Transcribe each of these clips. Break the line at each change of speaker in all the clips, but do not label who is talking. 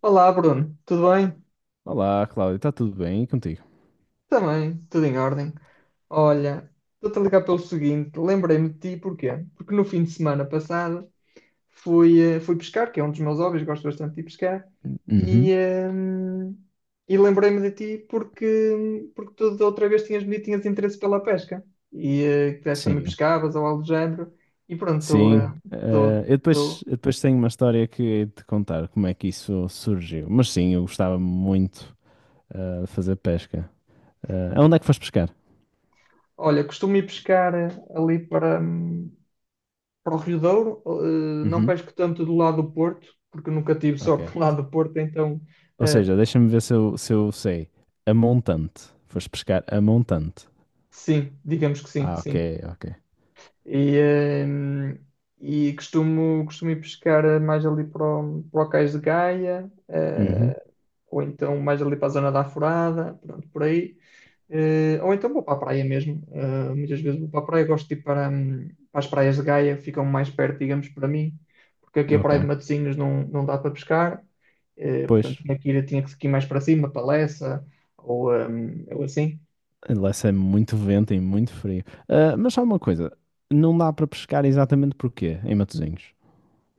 Olá, Bruno, tudo bem?
Olá, Cláudio, está tudo bem? E contigo?
Também, tudo em ordem. Olha, estou-te a ligar pelo seguinte, lembrei-me de ti, porquê? Porque no fim de semana passado fui pescar, que é um dos meus hobbies, gosto bastante de ir pescar, e,
Uhum.
ehm, e lembrei-me de ti porque tu da outra vez tinhas-me dito que tinhas interesse pela pesca, e que deste também
Sim,
pescavas ou algo do género, e pronto, estou... eh,
sim.
estou
Eu depois,
estou.
eu depois tenho uma história que hei de te contar como é que isso surgiu. Mas sim, eu gostava muito de fazer pesca. Eh, aonde é que foste pescar?
Olha, costumo ir pescar ali para. Para o Rio Douro, não
Uhum.
pesco tanto do lado do Porto, porque nunca tive
Ok.
sorte do lado do Porto, então
Ou
eh,
seja, deixa-me ver se eu sei. A montante. Foste pescar a montante.
sim, digamos que sim,
Ah, ok,
sim.
ok.
E, eh, e costumo ir pescar mais ali para o Cais de Gaia,
Uhum,
ou então mais ali para a zona da Alvorada, pronto, por aí. Ou então vou para a praia mesmo. Muitas vezes vou para a praia, gosto de ir para, para as praias de Gaia, ficam mais perto, digamos, para mim, porque aqui a praia de
ok.
Matosinhos não dá para pescar. Portanto,
Pois,
tinha que ir mais para cima, para Lessa, ou assim.
lá é muito vento e muito frio. Ah, mas só uma coisa, não dá para pescar exatamente porquê em Matosinhos?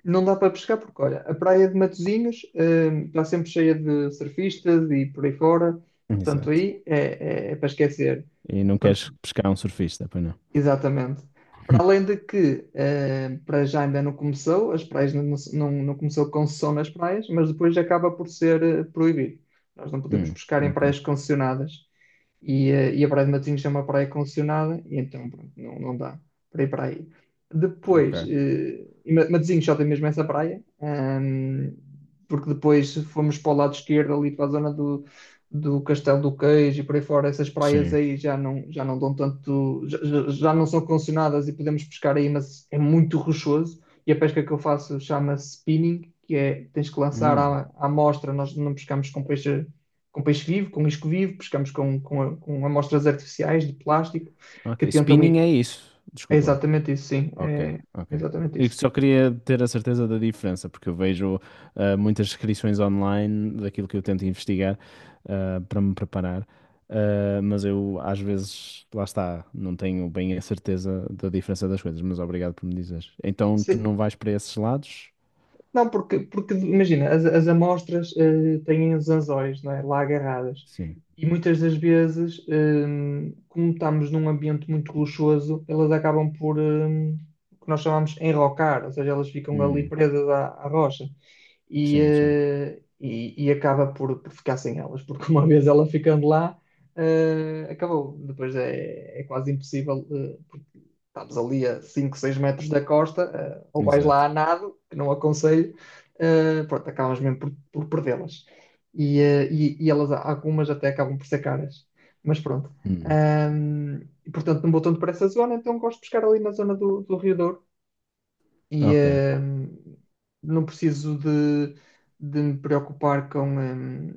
Não dá para pescar porque, olha, a praia de Matosinhos, está sempre cheia de surfistas e por aí fora, portanto
Exato.
é para esquecer.
E não queres
Portanto,
pescar um surfista, pois não?
exatamente. Para além de que, para já ainda não começou, as praias não, não, não começou concessão nas praias, mas depois acaba por ser proibido. Nós não podemos
Hum,
pescar em
ok.
praias concessionadas. E a Praia de Matosinhos é uma praia concessionada, e então pronto, não dá para ir para aí.
Ok.
Depois, Matosinhos só tem mesmo essa praia, porque depois fomos para o lado esquerdo, ali para a zona do Castelo do Queijo e por aí fora, essas praias
Sim.
aí já não dão tanto, já não são condicionadas e podemos pescar aí, mas é muito rochoso. E a pesca que eu faço chama-se spinning, que é tens que lançar
Hum,
à amostra, nós não pescamos com peixe vivo, com isco vivo, pescamos com amostras artificiais de plástico que
ok.
tentam
Spinning
ir.
é isso.
É
Desculpa.
exatamente isso, sim,
Ok,
é
ok.
exatamente
Eu
isso.
só queria ter a certeza da diferença, porque eu vejo muitas descrições online daquilo que eu tento investigar, para me preparar. Ah, mas eu às vezes, lá está, não tenho bem a certeza da diferença das coisas, mas obrigado por me dizeres. Então tu não vais para esses lados?
Não, porque, porque imagina, as amostras têm os anzóis, não é? Lá agarradas.
Sim.
E muitas das vezes, como estamos num ambiente muito luxuoso, elas acabam o que nós chamamos enrocar, ou seja, elas ficam ali
Hum,
presas à rocha.
sim, sim.
E acaba por ficar sem elas, porque uma vez ela ficando lá, acabou. Depois é quase impossível, porque estamos ali a 5, 6 metros da costa, ou vais lá
Exato.
a nado, que não aconselho, pronto, acabas mesmo por perdê-las. E elas, algumas até acabam por ser caras. Mas pronto.
Hum,
E, portanto, não vou tanto para essa zona, então gosto de pescar ali na zona do Rio Douro. E
ok,
não preciso de me preocupar com,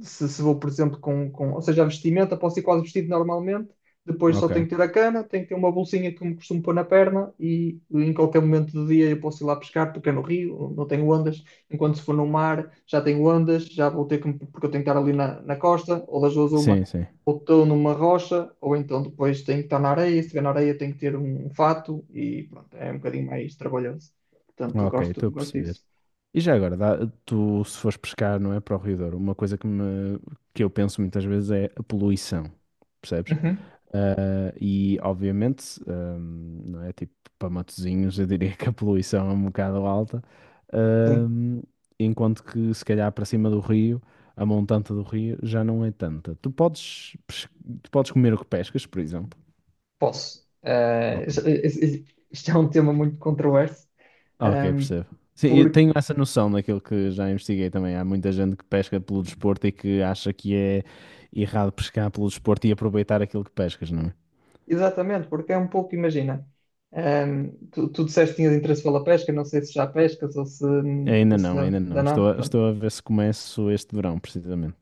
se vou, por exemplo, ou seja, a vestimenta, posso ir quase vestido normalmente, depois só
ok.
tenho que ter a cana, tenho que ter uma bolsinha que me costumo pôr na perna e em qualquer momento do dia eu posso ir lá pescar, porque é no rio, não tenho ondas, enquanto se for no mar já tenho ondas, já vou ter porque eu tenho que estar ali na costa, ou das duas uma,
Sim, sim.
ou estou numa rocha, ou então depois tenho que estar na areia, se estiver na areia tenho que ter um fato e pronto, é um bocadinho mais trabalhoso. Portanto,
Ok, estou a
gosto
perceber.
disso.
E já agora, tu se fores pescar, não é, para o Rio Douro, uma coisa que eu penso muitas vezes é a poluição, percebes?
Uhum,
Ah, e obviamente, ah, não é, tipo, para Matosinhos eu diria que a poluição é um bocado alta, ah,
sim.
enquanto que se calhar para cima do rio, a montante do rio já não é tanta. Tu podes, tu podes comer o que pescas, por exemplo.
Posso.
Ok?
Isto é um tema muito controverso,
Ah, ok,
ehm,
percebo. Sim, eu
porque,
tenho essa noção daquilo que já investiguei também. Há muita gente que pesca pelo desporto e que acha que é errado pescar pelo desporto e aproveitar aquilo que pescas, não é?
exatamente, porque é um pouco, imagina, tu disseste que tinhas interesse pela pesca, não sei se já pescas ou
Ainda
se
não,
ainda
ainda
ainda
não.
não,
Estou
pronto.
estou a ver se começo este verão, precisamente.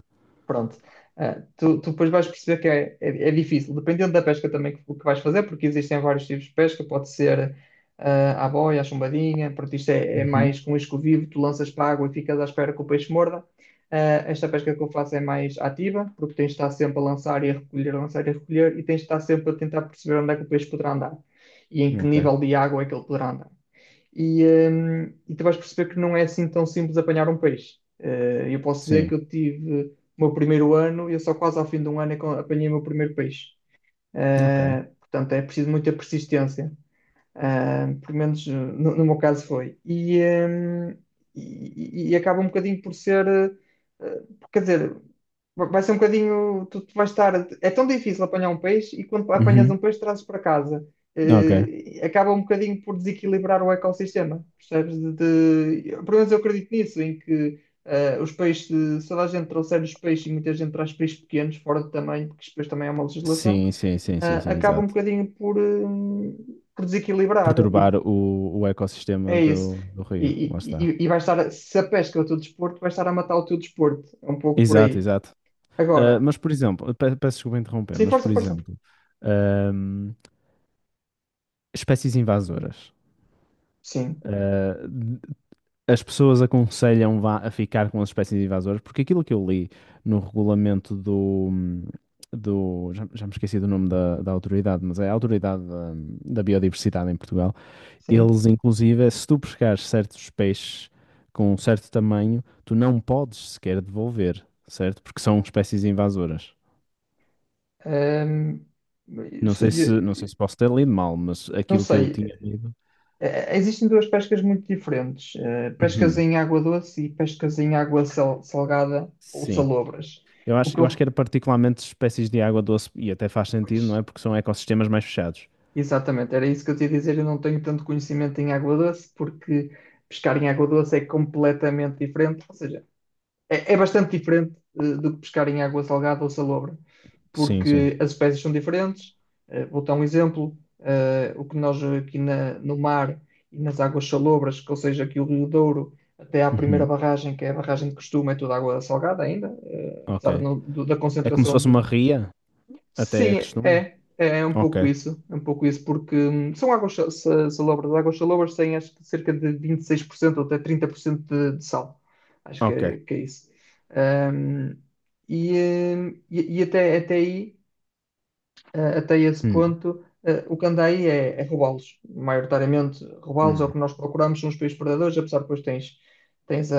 Pronto. Ah, tu depois vais perceber é difícil, dependendo da pesca também que vais fazer, porque existem vários tipos de pesca, pode ser à boia, à chumbadinha, pronto, isto é
Uhum.
mais com isco vivo, tu lanças para a água e ficas à espera que o peixe morda. Ah, esta pesca que eu faço é mais ativa, porque tens de estar sempre a lançar e a recolher, a lançar e a recolher, e tens de estar sempre a tentar perceber onde é que o peixe poderá andar e em que
Ok.
nível de água é que ele poderá andar e, e tu vais perceber que não é assim tão simples apanhar um peixe. Eu posso dizer
Sim.
que eu tive o meu primeiro ano e eu só quase ao fim de um ano é que eu apanhei o meu primeiro peixe.
Ok.
Portanto, é preciso muita persistência. Ah, pelo menos no meu caso foi. E acaba um bocadinho por ser, eh, quer dizer, vai ser um bocadinho, tu vais estar, é tão difícil apanhar um peixe e quando apanhas um
Uhum.
peixe trazes para casa.
Ok.
Acaba um bocadinho por desequilibrar o ecossistema, percebes? Pelo menos eu acredito nisso, em que eh, os peixes, se toda a gente trouxer os peixes e muita gente traz peixes pequenos, fora de tamanho, porque isto depois também é uma legislação
Sim, sim, sim, sim, sim,
acaba um
exato.
bocadinho por desequilibrar. E
Perturbar o
é
ecossistema
isso.
do rio. Lá está.
E vai estar, se a pesca é o teu desporto, vai estar a matar o teu desporto. É um pouco por
Exato,
aí.
exato. Ah,
Agora,
mas, por exemplo, peço desculpa interromper,
sim,
mas, por
força, força.
exemplo, ahm, espécies invasoras.
Sim,
Ah, as pessoas aconselham vá a ficar com as espécies invasoras, porque aquilo que eu li no regulamento do já, já me esqueci do nome da autoridade, mas é a autoridade da biodiversidade em Portugal.
sim.
Eles, inclusive, é se tu pescares certos peixes com um certo tamanho, tu não podes sequer devolver, certo? Porque são espécies invasoras.
Hum,
Não
isso-
sei se, não sei
eu-
se posso ter lido mal, mas
não
aquilo que eu
sei.
tinha lido.
Existem duas pescas muito diferentes: pescas
Uhum.
em água doce e pescas em salgada ou
Sim.
salobras.
Eu
O
acho,
que
eu acho
eu,
que era particularmente espécies de água doce e até faz sentido, não é?
pois,
Porque são ecossistemas mais fechados.
Exatamente, era isso que eu te ia dizer. Eu não tenho tanto conhecimento em água doce, porque pescar em água doce é completamente diferente, ou seja, é bastante diferente do que pescar em água salgada ou salobra,
Sim, sim.
porque as espécies são diferentes. Vou dar um exemplo: o que nós no mar e nas águas salobras, que, ou seja, aqui o Rio Douro, até à primeira
Uhum.
barragem, que é a barragem de costume, é toda água salgada ainda,
Ok.
apesar de não- do- da
É como se
concentração.
fosse uma ria, até
Sim,
costuma.
é. É um pouco
Ok,
isso. É um pouco isso, porque são salobras. As águas salobras têm acho que cerca de 26% ou até 30% de sal. Acho
ok.
que é isso. Hum, e até, até aí, até esse
Hum,
ponto, o que anda aí é roubá-los. Maioritariamente, roubá-los é o
hum.
que nós procuramos nos países predadores, apesar que depois tens, tens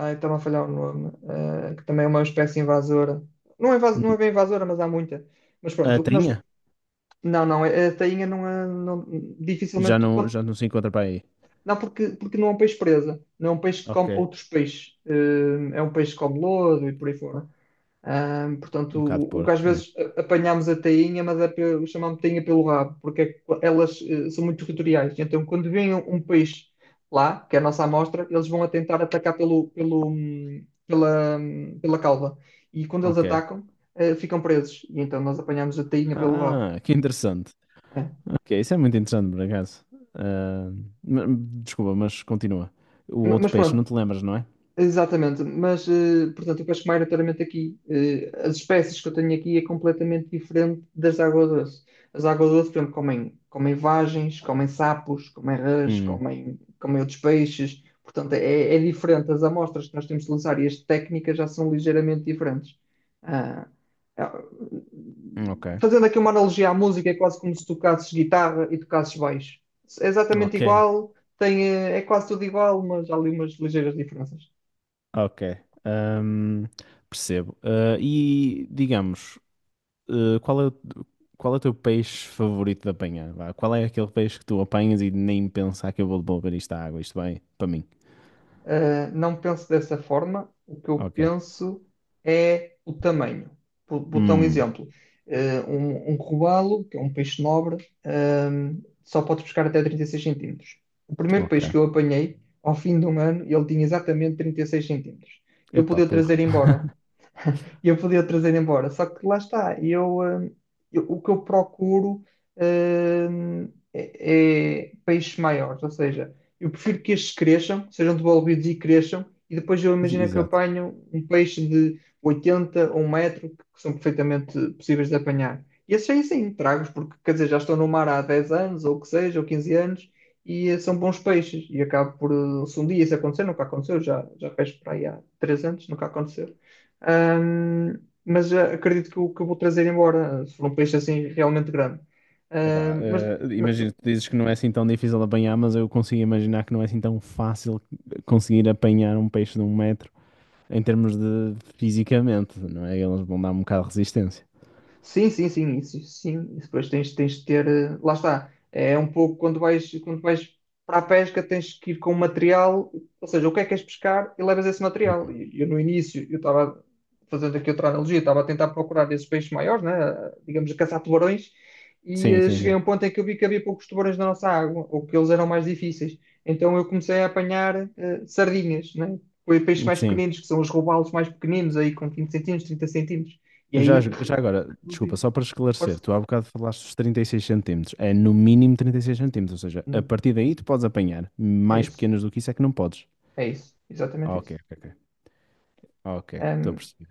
Está a falhar o nome, que também é uma espécie invasora. Não é
Hum.
bem invasora, mas há muita. Mas pronto,
A
o que nós.
tainha?
Não, a tainha não é. Não, dificilmente.
Já não se encontra para aí.
Não, porque, porque não é um peixe presa. Não é um peixe que
Ok.
come outros peixes. É um peixe que come lodo e por aí fora.
Um
Portanto,
bocado de
o que às
porco. É.
vezes apanhamos a tainha, mas é pelo, chamamos tainha pelo rabo, porque é que elas são muito territoriais. Então, quando vem um peixe lá, que é a nossa amostra, eles vão a tentar atacar pela cauda. E quando eles
Ok.
atacam, ficam presos. E então nós apanhamos a tainha pelo rabo.
Ah, que interessante.
É.
Ok, isso é muito interessante, por acaso. Ah, ma- desculpa, mas continua. O outro
Mas
peixe, não
pronto,
te lembras, não é?
exatamente, mas portanto, o casco-maio notoriamente aqui, as espécies que eu tenho aqui é completamente diferente das águas doce. As águas doce por exemplo, comem vagens, comem sapos, comem rãs,
Hum,
comem outros peixes, portanto, é diferente. As amostras que nós temos de utilizar e as técnicas já são ligeiramente diferentes. Ah, ah,
ok.
Fazendo aqui uma analogia à música, é quase como se tocasses guitarra e tocasses baixo. É exatamente
Ok,
igual, é quase tudo igual, mas há ali umas ligeiras diferenças.
ok. Ahm, percebo. Ah, e digamos, ah, qual é qual é o teu peixe favorito de apanhar, vá? Qual é aquele peixe que tu apanhas e nem pensar que eu vou devolver isto à água? Isto bem? Para mim.
Não penso dessa forma. O que eu
Ok.
penso é o tamanho. Vou dar um
Hum,
exemplo. Um robalo, que é um peixe nobre, um, só pode pescar até 36 centímetros. O primeiro
ok.
peixe que eu apanhei, ao fim de um ano, ele tinha exatamente 36 centímetros. Eu
Epá,
podia o
porra.
trazer embora. E eu podia trazer embora. Só que lá está, o que eu procuro, é peixes maiores, ou seja, eu prefiro que estes cresçam, sejam devolvidos e cresçam, e depois eu
Ex-
imagino que eu
Exato.
apanho um peixe de 80 ou um metro, que são perfeitamente possíveis de apanhar. E esses aí sim, trago-os, porque quer dizer, já estão no mar há 10 anos, ou o que seja, ou 15 anos, e são bons peixes. E acabo por, se um dia isso acontecer, nunca aconteceu, já pesco para aí há 3 anos, nunca aconteceu. Ahm, Acredito que o que eu vou trazer embora, se for um peixe assim realmente grande.
Epá,
Ahm, mas,
ah, imagina, tu dizes que não é assim tão difícil de apanhar, mas eu consigo imaginar que não é assim tão fácil conseguir apanhar um peixe de um metro em termos de fisicamente, não é? Eles vão dar um bocado de resistência.
Sim, sim, sim, isso, sim. Isso depois tens, tens de ter. Lá está. É um pouco quando vais para a pesca, tens que ir com o material, ou seja, o que é que queres pescar e levas esse material. E eu no início, eu estava fazendo aqui outra analogia, estava a tentar procurar esses peixes maiores, né? Digamos, a caçar tubarões, e
Sim, sim,
cheguei a
sim.
um ponto em que eu vi que havia poucos tubarões na nossa água, ou que eles eram mais difíceis. Então eu comecei a apanhar sardinhas, né? Peixes mais
Sim.
pequeninos, que são os robalos mais pequeninos, aí com 20 centímetros, 30 centímetros. E
Já,
aí
já agora, desculpa,
reduzi.
só para esclarecer,
Força.
tu há bocado falaste dos 36 centímetros. É no mínimo 36 centímetros, ou seja, a
Hum,
partir daí tu podes apanhar.
É
Mais
isso.
pequenas do que isso é que não podes.
É isso.
Ah,
Exatamente
ok,
isso.
ok, ok. Ok, estou a
Hum,
perceber.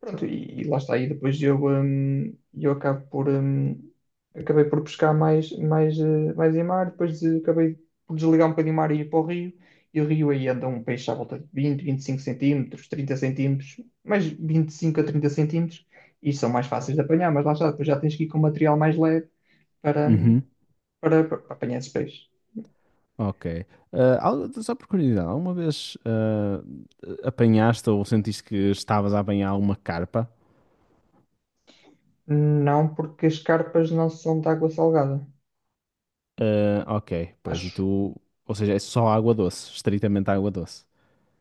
Pronto. E lá está. E depois eu, eu acabo por, acabei por pescar mais em mar, depois acabei por desligar um bocadinho o mar e ir para o rio. E o rio aí anda um peixe à volta de 20, 25 centímetros, 30 centímetros, mais 25 a 30 centímetros, e são mais fáceis de apanhar, mas lá está, depois já tens que ir com material mais leve para,
Uhum,
para apanhar esses peixes.
ok. Ah, só por curiosidade, alguma vez ah, apanhaste ou sentiste que estavas a apanhar alguma carpa?
Não porque as carpas não são de água salgada.
Ah, ok, pois e
Acho.
tu, ou seja, é só água doce, estritamente água doce.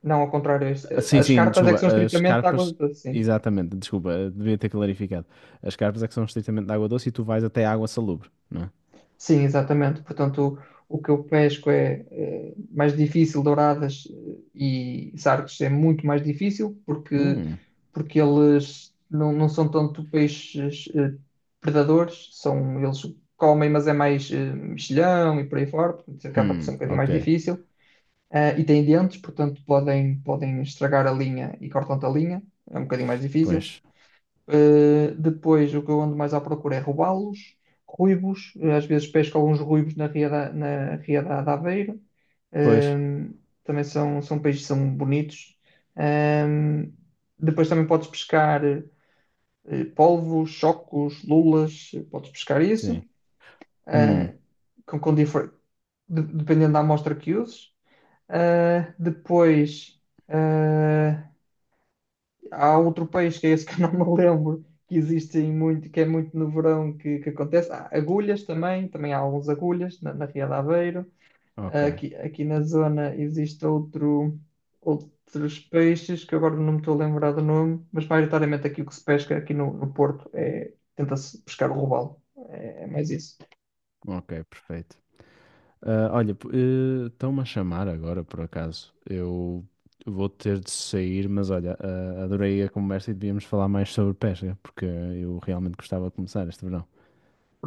Não, ao contrário.
Ah, sim,
As
sim,
cartas é
desculpa,
que são
as
estritamente de água
carpas,
doce, sim.
exatamente, desculpa, devia ter clarificado. As carpas é que são estritamente de água doce e tu vais até água salubre, não é?
Sim, exatamente. Portanto, o que eu pesco mais difícil, douradas e sargos é muito mais difícil porque,
Hum,
porque eles não são tanto peixes eles comem, mas é mais mexilhão e por aí fora, portanto, acaba por ser um bocadinho
ok,
mais difícil. E têm dentes, portanto, podem, podem estragar a linha e cortam-te a linha, é um bocadinho mais difícil.
pois,
Depois, o que eu ando mais à procura é robalos, ruivos. Às vezes pesco alguns ruivos na Ria da Aveiro.
pois,
Um, também são, são peixes que são bonitos. Um, depois também podes pescar polvos, chocos, lulas. Podes pescar isso.
sim, hum,
uh, com, com difer- Dependendo da amostra que uses. Depois... eh, há outro peixe que é esse que eu não me lembro, que existe em muito, que é muito no verão que acontece. Há agulhas também, também há alguns agulhas na Ria de Aveiro.
ok,
Aqui na zona existe outros peixes que agora não me estou a lembrar do nome, mas maioritariamente aqui o que se pesca aqui no, no Porto é tenta-se pescar o robalo. É mais isso.
ok, perfeito. Ah, olha, estão-me a chamar agora, por acaso. Eu vou ter de sair, mas olha, ah, adorei a conversa e devíamos falar mais sobre pesca, porque eu realmente gostava de começar este verão.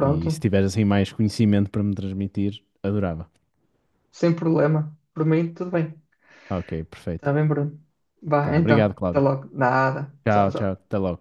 E se tiveres assim mais conhecimento para me transmitir, adorava.
sem problema. Por mim, tudo bem.
Ok, perfeito.
Está bem, Bruno. Vá,
Tá,
então,
obrigado,
até
Cláudio.
logo. Nada. Tchau,
Tchau, tchau,
tchau.
até logo.